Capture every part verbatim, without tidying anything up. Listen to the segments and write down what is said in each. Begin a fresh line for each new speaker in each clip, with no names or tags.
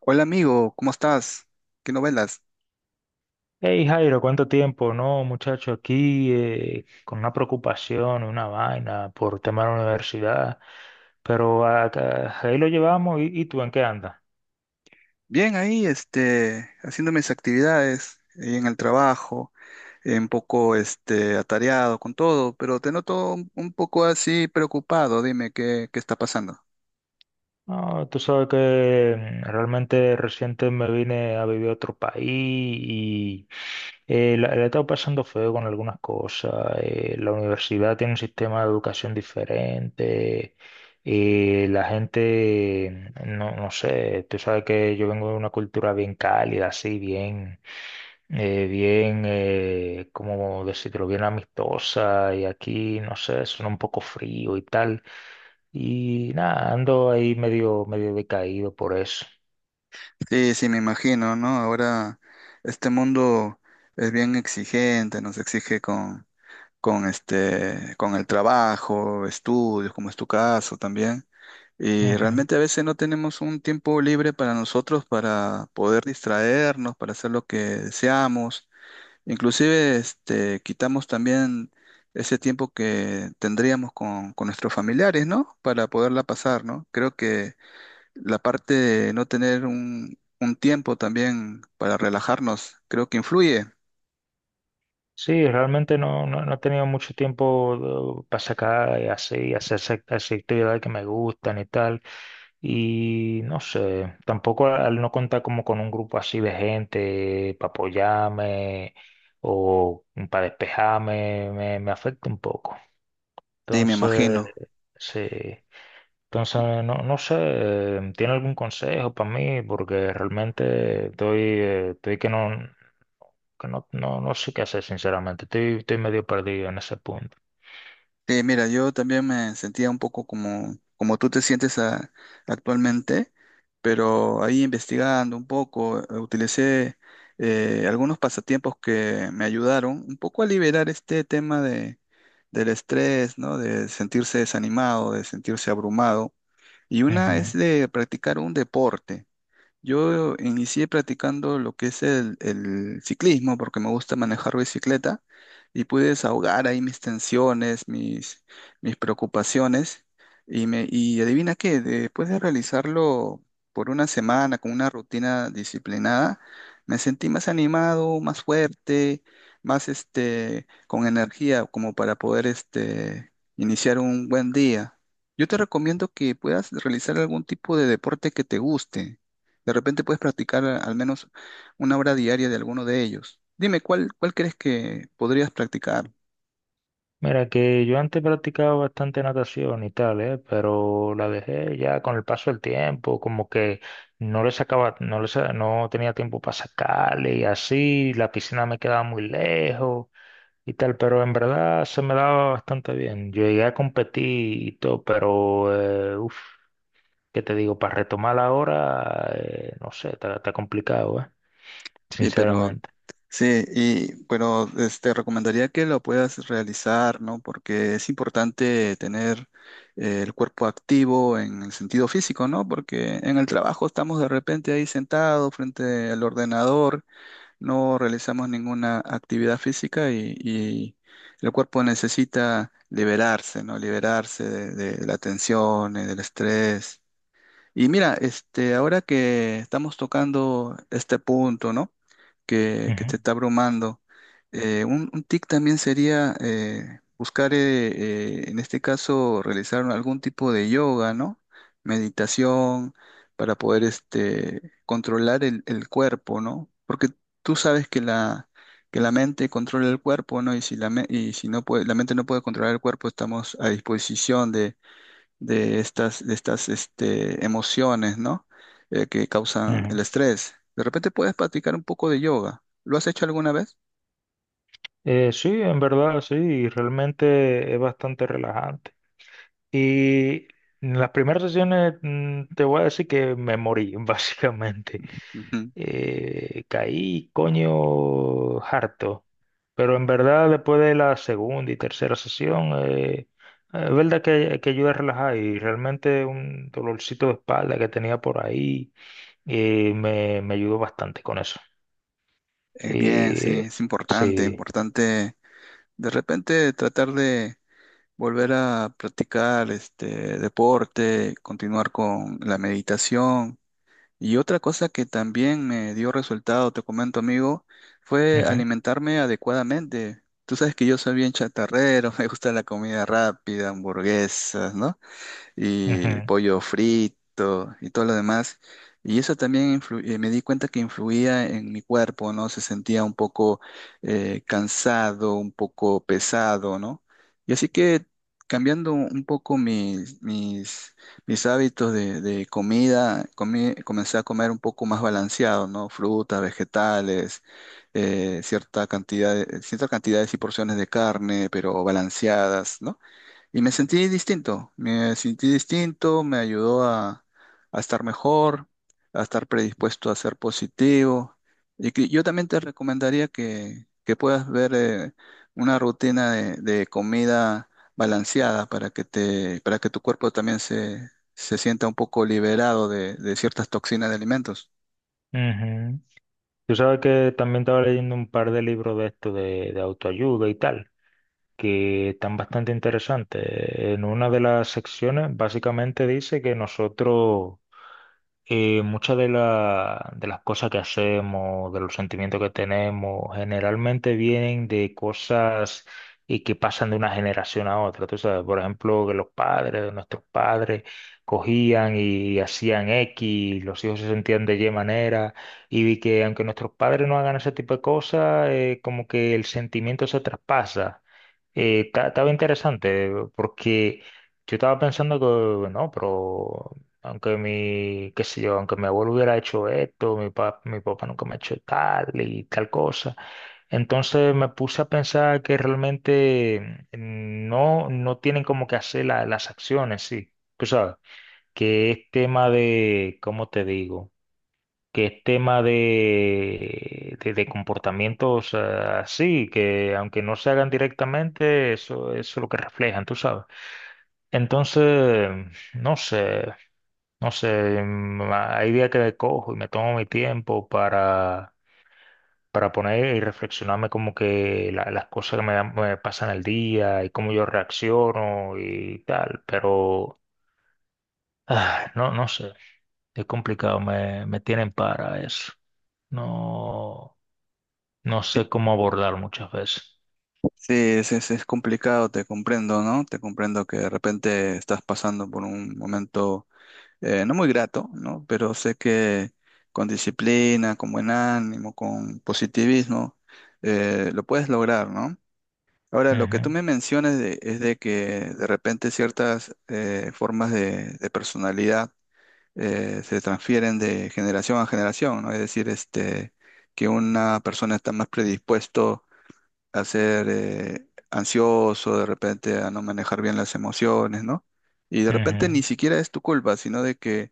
Hola amigo, ¿cómo estás? ¿Qué novelas?
Hey Jairo, ¿cuánto tiempo? No, muchacho, aquí eh, con una preocupación, una vaina por tema de la universidad, pero acá- ahí lo llevamos y, y tú, ¿en qué andas?
Bien ahí, este, haciendo mis actividades eh, en el trabajo, eh, un poco este, atareado con todo, pero te noto un, un poco así preocupado, dime qué, qué está pasando.
No, tú sabes que realmente reciente me vine a vivir a otro país y eh, la, la he estado pasando feo con algunas cosas. Eh, la universidad tiene un sistema de educación diferente. Eh, la gente, no, no sé, tú sabes que yo vengo de una cultura bien cálida, así, bien, eh, bien, eh, ¿cómo decirlo? Bien amistosa y aquí, no sé, suena un poco frío y tal. Y nada, ando ahí medio, medio decaído por eso.
Sí, sí, me imagino, ¿no? Ahora este mundo es bien exigente, nos exige con, con este, con el trabajo, estudios, como es tu caso también. Y
Ujú.
realmente a veces no tenemos un tiempo libre para nosotros para poder distraernos, para hacer lo que deseamos. Inclusive este, quitamos también ese tiempo que tendríamos con, con nuestros familiares, ¿no? Para poderla pasar, ¿no? Creo que la parte de no tener un, un tiempo también para relajarnos, creo que influye.
Sí, realmente no, no, no he tenido mucho tiempo eh, para sacar y así, hacer esa- esas actividades que me gustan y tal. Y no sé, tampoco al al no contar como con un grupo así de gente para apoyarme o para despejarme, me, me afecta un poco.
Sí, me
Entonces,
imagino.
sí. Entonces, no, no sé, eh, ¿tiene algún consejo para mí? Porque realmente estoy, eh, estoy que no, que no, no, no sé qué hacer, sinceramente. Estoy, estoy medio perdido en ese punto.
Sí, mira, yo también me sentía un poco como, como tú te sientes a- actualmente, pero ahí investigando un poco, eh, utilicé eh, algunos pasatiempos que me ayudaron un poco a liberar este tema de, del estrés, ¿no? De sentirse desanimado, de sentirse abrumado. Y una es
Ujú.
de practicar un deporte. Yo inicié practicando lo que es el, el ciclismo porque me gusta manejar bicicleta y pude desahogar ahí mis tensiones, mis, mis preocupaciones y, me, y adivina qué, después de realizarlo por una semana con una rutina disciplinada, me sentí más animado, más fuerte, más este, con energía como para poder este, iniciar un buen día. Yo te recomiendo que puedas realizar algún tipo de deporte que te guste. De repente puedes practicar a- al menos una hora diaria de alguno de ellos. Dime, ¿cuál, cuál crees que podrías practicar?
Mira, que yo antes practicaba bastante natación y tal, ¿eh? Pero la dejé ya con el paso del tiempo, como que no le sacaba, no le sa- no tenía tiempo para sacarle y así, la piscina me quedaba muy lejos. Y tal, pero en verdad se me daba bastante bien. Yo llegué a competir y todo, pero, eh, uff, ¿qué te digo? Para retomar ahora, eh, no sé, está, está complicado, ¿eh?
Y pero
Sinceramente.
sí, y pero este recomendaría que lo puedas realizar, ¿no? Porque es importante tener eh, el cuerpo activo en el sentido físico, ¿no? Porque en el trabajo estamos de repente ahí sentados frente al ordenador no realizamos ninguna actividad física y, y el cuerpo necesita liberarse, ¿no? Liberarse de, de la tensión, eh, del estrés y mira, este, ahora que estamos tocando este punto, ¿no? Que, que
Ujú,
te está abrumando, eh, un, un tic también sería eh, buscar, eh, eh, en este caso, realizar algún tipo de yoga, ¿no? Meditación, para poder este, controlar el, el cuerpo, ¿no? Porque tú sabes que la, que la mente controla el cuerpo, ¿no? Y si, la, me- y si no puede, la mente no puede controlar el cuerpo, estamos a disposición de estas, de estas este, emociones, ¿no? Eh, que causan
ujú.
el estrés. De repente puedes practicar un poco de yoga. ¿Lo has hecho alguna vez?
Eh, sí, en verdad, sí, y realmente es bastante relajante. Y en las primeras sesiones mm, te voy a decir que me morí, básicamente.
Ujú.
Eh, caí coño harto. Pero en verdad, después de la segunda y tercera sesión, eh, eh, es verdad que, que ayuda a relajar y realmente un dolorcito de espalda que tenía por ahí eh, me, me ayudó bastante con eso.
Eh, bien, sí,
Eh,
es importante,
sí.
importante. De repente tratar de volver a practicar este deporte, continuar con la meditación. Y otra cosa que también me dio resultado, te comento amigo, fue
Ujú,
alimentarme adecuadamente. Tú sabes que yo soy bien chatarrero, me gusta la comida rápida, hamburguesas, ¿no? Y
ujú,
pollo frito y todo lo demás. Y eso también influ- eh, me di cuenta que influía en mi cuerpo, ¿no? Se sentía un poco eh, cansado, un poco pesado, ¿no? Y así que cambiando un poco mis, mis, mis hábitos de, de comida, comí- comencé a comer un poco más balanceado, ¿no? Frutas, vegetales, eh, cierta cantidad, de- cierta cantidades y porciones de carne, pero balanceadas, ¿no? Y me sentí distinto, me sentí distinto, me ayudó a, a estar mejor, a estar predispuesto a ser positivo. Y que yo también te recomendaría que, que puedas ver eh, una rutina de, de comida balanceada para que te, para que tu cuerpo también se, se sienta un poco liberado de, de ciertas toxinas de alimentos.
ujú. Tú sabes que también estaba leyendo un par de libros de esto de, de autoayuda y tal. Que están bastante interesantes. En una de las secciones básicamente dice que nosotros y muchas de, la- de las cosas que hacemos, de los sentimientos que tenemos, generalmente vienen de cosas y que pasan de una generación a otra. Tú sabes, por ejemplo, que los padres, de nuestros padres, cogían y hacían X, y los hijos se sentían de Y manera, y vi que aunque nuestros padres no hagan ese tipo de cosas, eh, como que el sentimiento se traspasa. Eh, ta- estaba interesante porque... Yo estaba pensando que, no, pero aunque mi, qué sé yo, aunque mi abuelo hubiera hecho esto, mi papá, mi papá nunca me ha hecho tal y tal cosa. Entonces me puse a pensar que realmente mm, no, no tienen como que hacer la- las acciones, sí. Tú sabes, que es tema de, ¿cómo te digo? Que es tema de, de, de comportamientos eh, así, que aunque no se hagan directamente, eso, eso es lo que reflejan, tú sabes. Entonces, no sé. No sé, mm, hay días que cojo y me tomo mi tiempo para, para poner y reflexionarme como que la- las cosas que me, dan- me pasan el día y cómo yo reacciono y tal, pero ah, no, no sé, es complicado, me, me tienen para eso. No, no
Sí,
sé cómo abordar muchas veces.
sí, es, es, es complicado, te comprendo, ¿no? Te comprendo que de repente estás pasando por un momento eh, no muy grato, ¿no? Pero sé que con disciplina, con buen ánimo, con positivismo, eh, lo puedes lograr, ¿no? Ahora, lo que tú
Ujú,
me mencionas de- es de que de repente ciertas eh, formas de, de personalidad eh, se transfieren de generación a generación, ¿no? Es decir, este, que una persona está más predispuesto a ser eh, ansioso, de repente a no manejar bien las emociones, ¿no? Y de repente
ujú,
ni siquiera es tu culpa, sino de que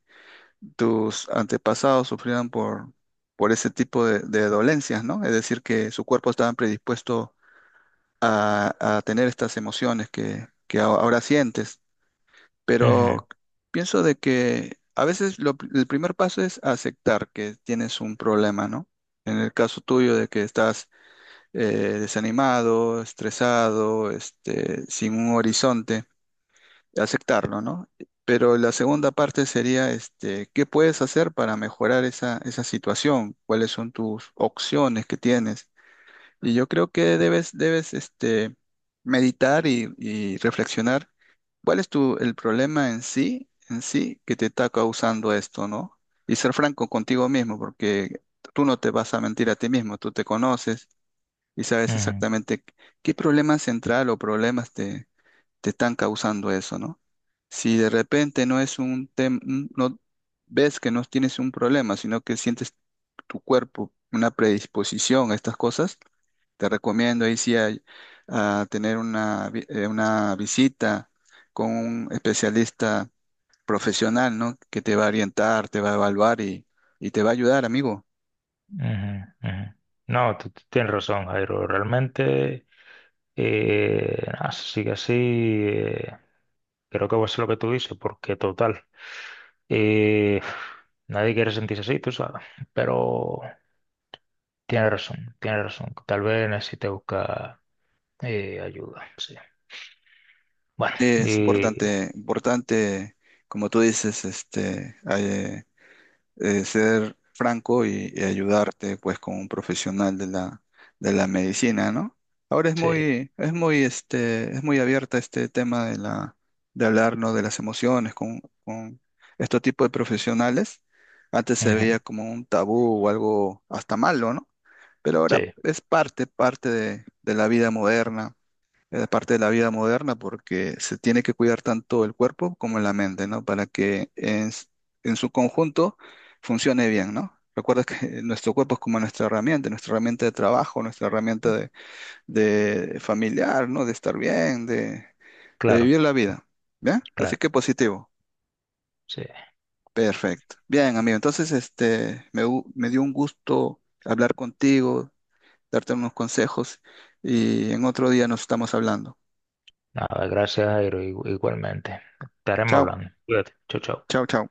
tus antepasados sufrían por, por ese tipo de, de dolencias, ¿no? Es decir, que su cuerpo estaba predispuesto a, a tener estas emociones que, que a- ahora sientes.
ujú,
Pero pienso de que a veces lo pr- el primer paso es aceptar que tienes un problema, ¿no? En el caso tuyo de que estás eh, desanimado, estresado, este, sin un horizonte aceptarlo, ¿no? Pero la segunda parte sería, este, ¿qué puedes hacer para mejorar esa, esa situación? ¿Cuáles son tus opciones que tienes? Y yo creo que debes, debes, este, meditar y, y reflexionar cuál es tu, el problema en sí, en sí, que te está causando esto, ¿no? Y ser franco contigo mismo, porque tú no te vas a mentir a ti mismo, tú te conoces y sabes
ujú,
exactamente qué problema central o problemas te están causando eso, ¿no? Si de repente no es un tema, no ves que no tienes un problema, sino que sientes tu cuerpo una predisposición a estas cosas, te recomiendo ahí sí a, a tener una, vi- eh, una visita con un especialista profesional, ¿no? Que te va a orientar, te va a evaluar y, y te va a ayudar, amigo.
ujú, ujú. No, tú tú tienes razón, Jairo, realmente... Eh, así que sí, eh, creo que va a ser lo que tú dices, porque total, eh, nadie quiere sentirse así, tú sabes, pero tiene razón, tiene razón, tal vez necesite buscar eh, ayuda, sí. Bueno,
Sí,
sí.
es
Y
importante, importante, como tú dices, este, eh, eh, ser franco y, y ayudarte pues con un profesional de la, de la medicina, ¿no? Ahora es
sí,
muy, es muy, este, es muy abierta este tema de la, de hablarnos de las emociones con, con este tipo de profesionales. Antes se
ujú,
veía como un tabú o algo hasta malo, ¿no? Pero ahora
sí,
es parte, parte de, de la vida moderna es parte de la vida moderna porque se tiene que cuidar tanto el cuerpo como la mente, ¿no? Para que en, s- en su conjunto funcione bien, ¿no? Recuerda que nuestro cuerpo es como nuestra herramienta, nuestra herramienta de trabajo, nuestra herramienta de, de familiar, ¿no? De estar bien, de, de
claro,
vivir la vida. ¿Bien? Así
claro,
que positivo.
sí.
Perfecto. Bien, amigo. Entonces, este, me, gu- me dio un gusto hablar contigo, darte unos consejos y en otro día nos estamos hablando.
Nada, gracias, Jairo, igu- igualmente. Estaremos
Chao,
hablando. Cuídate, chao, chao.
chao, chao.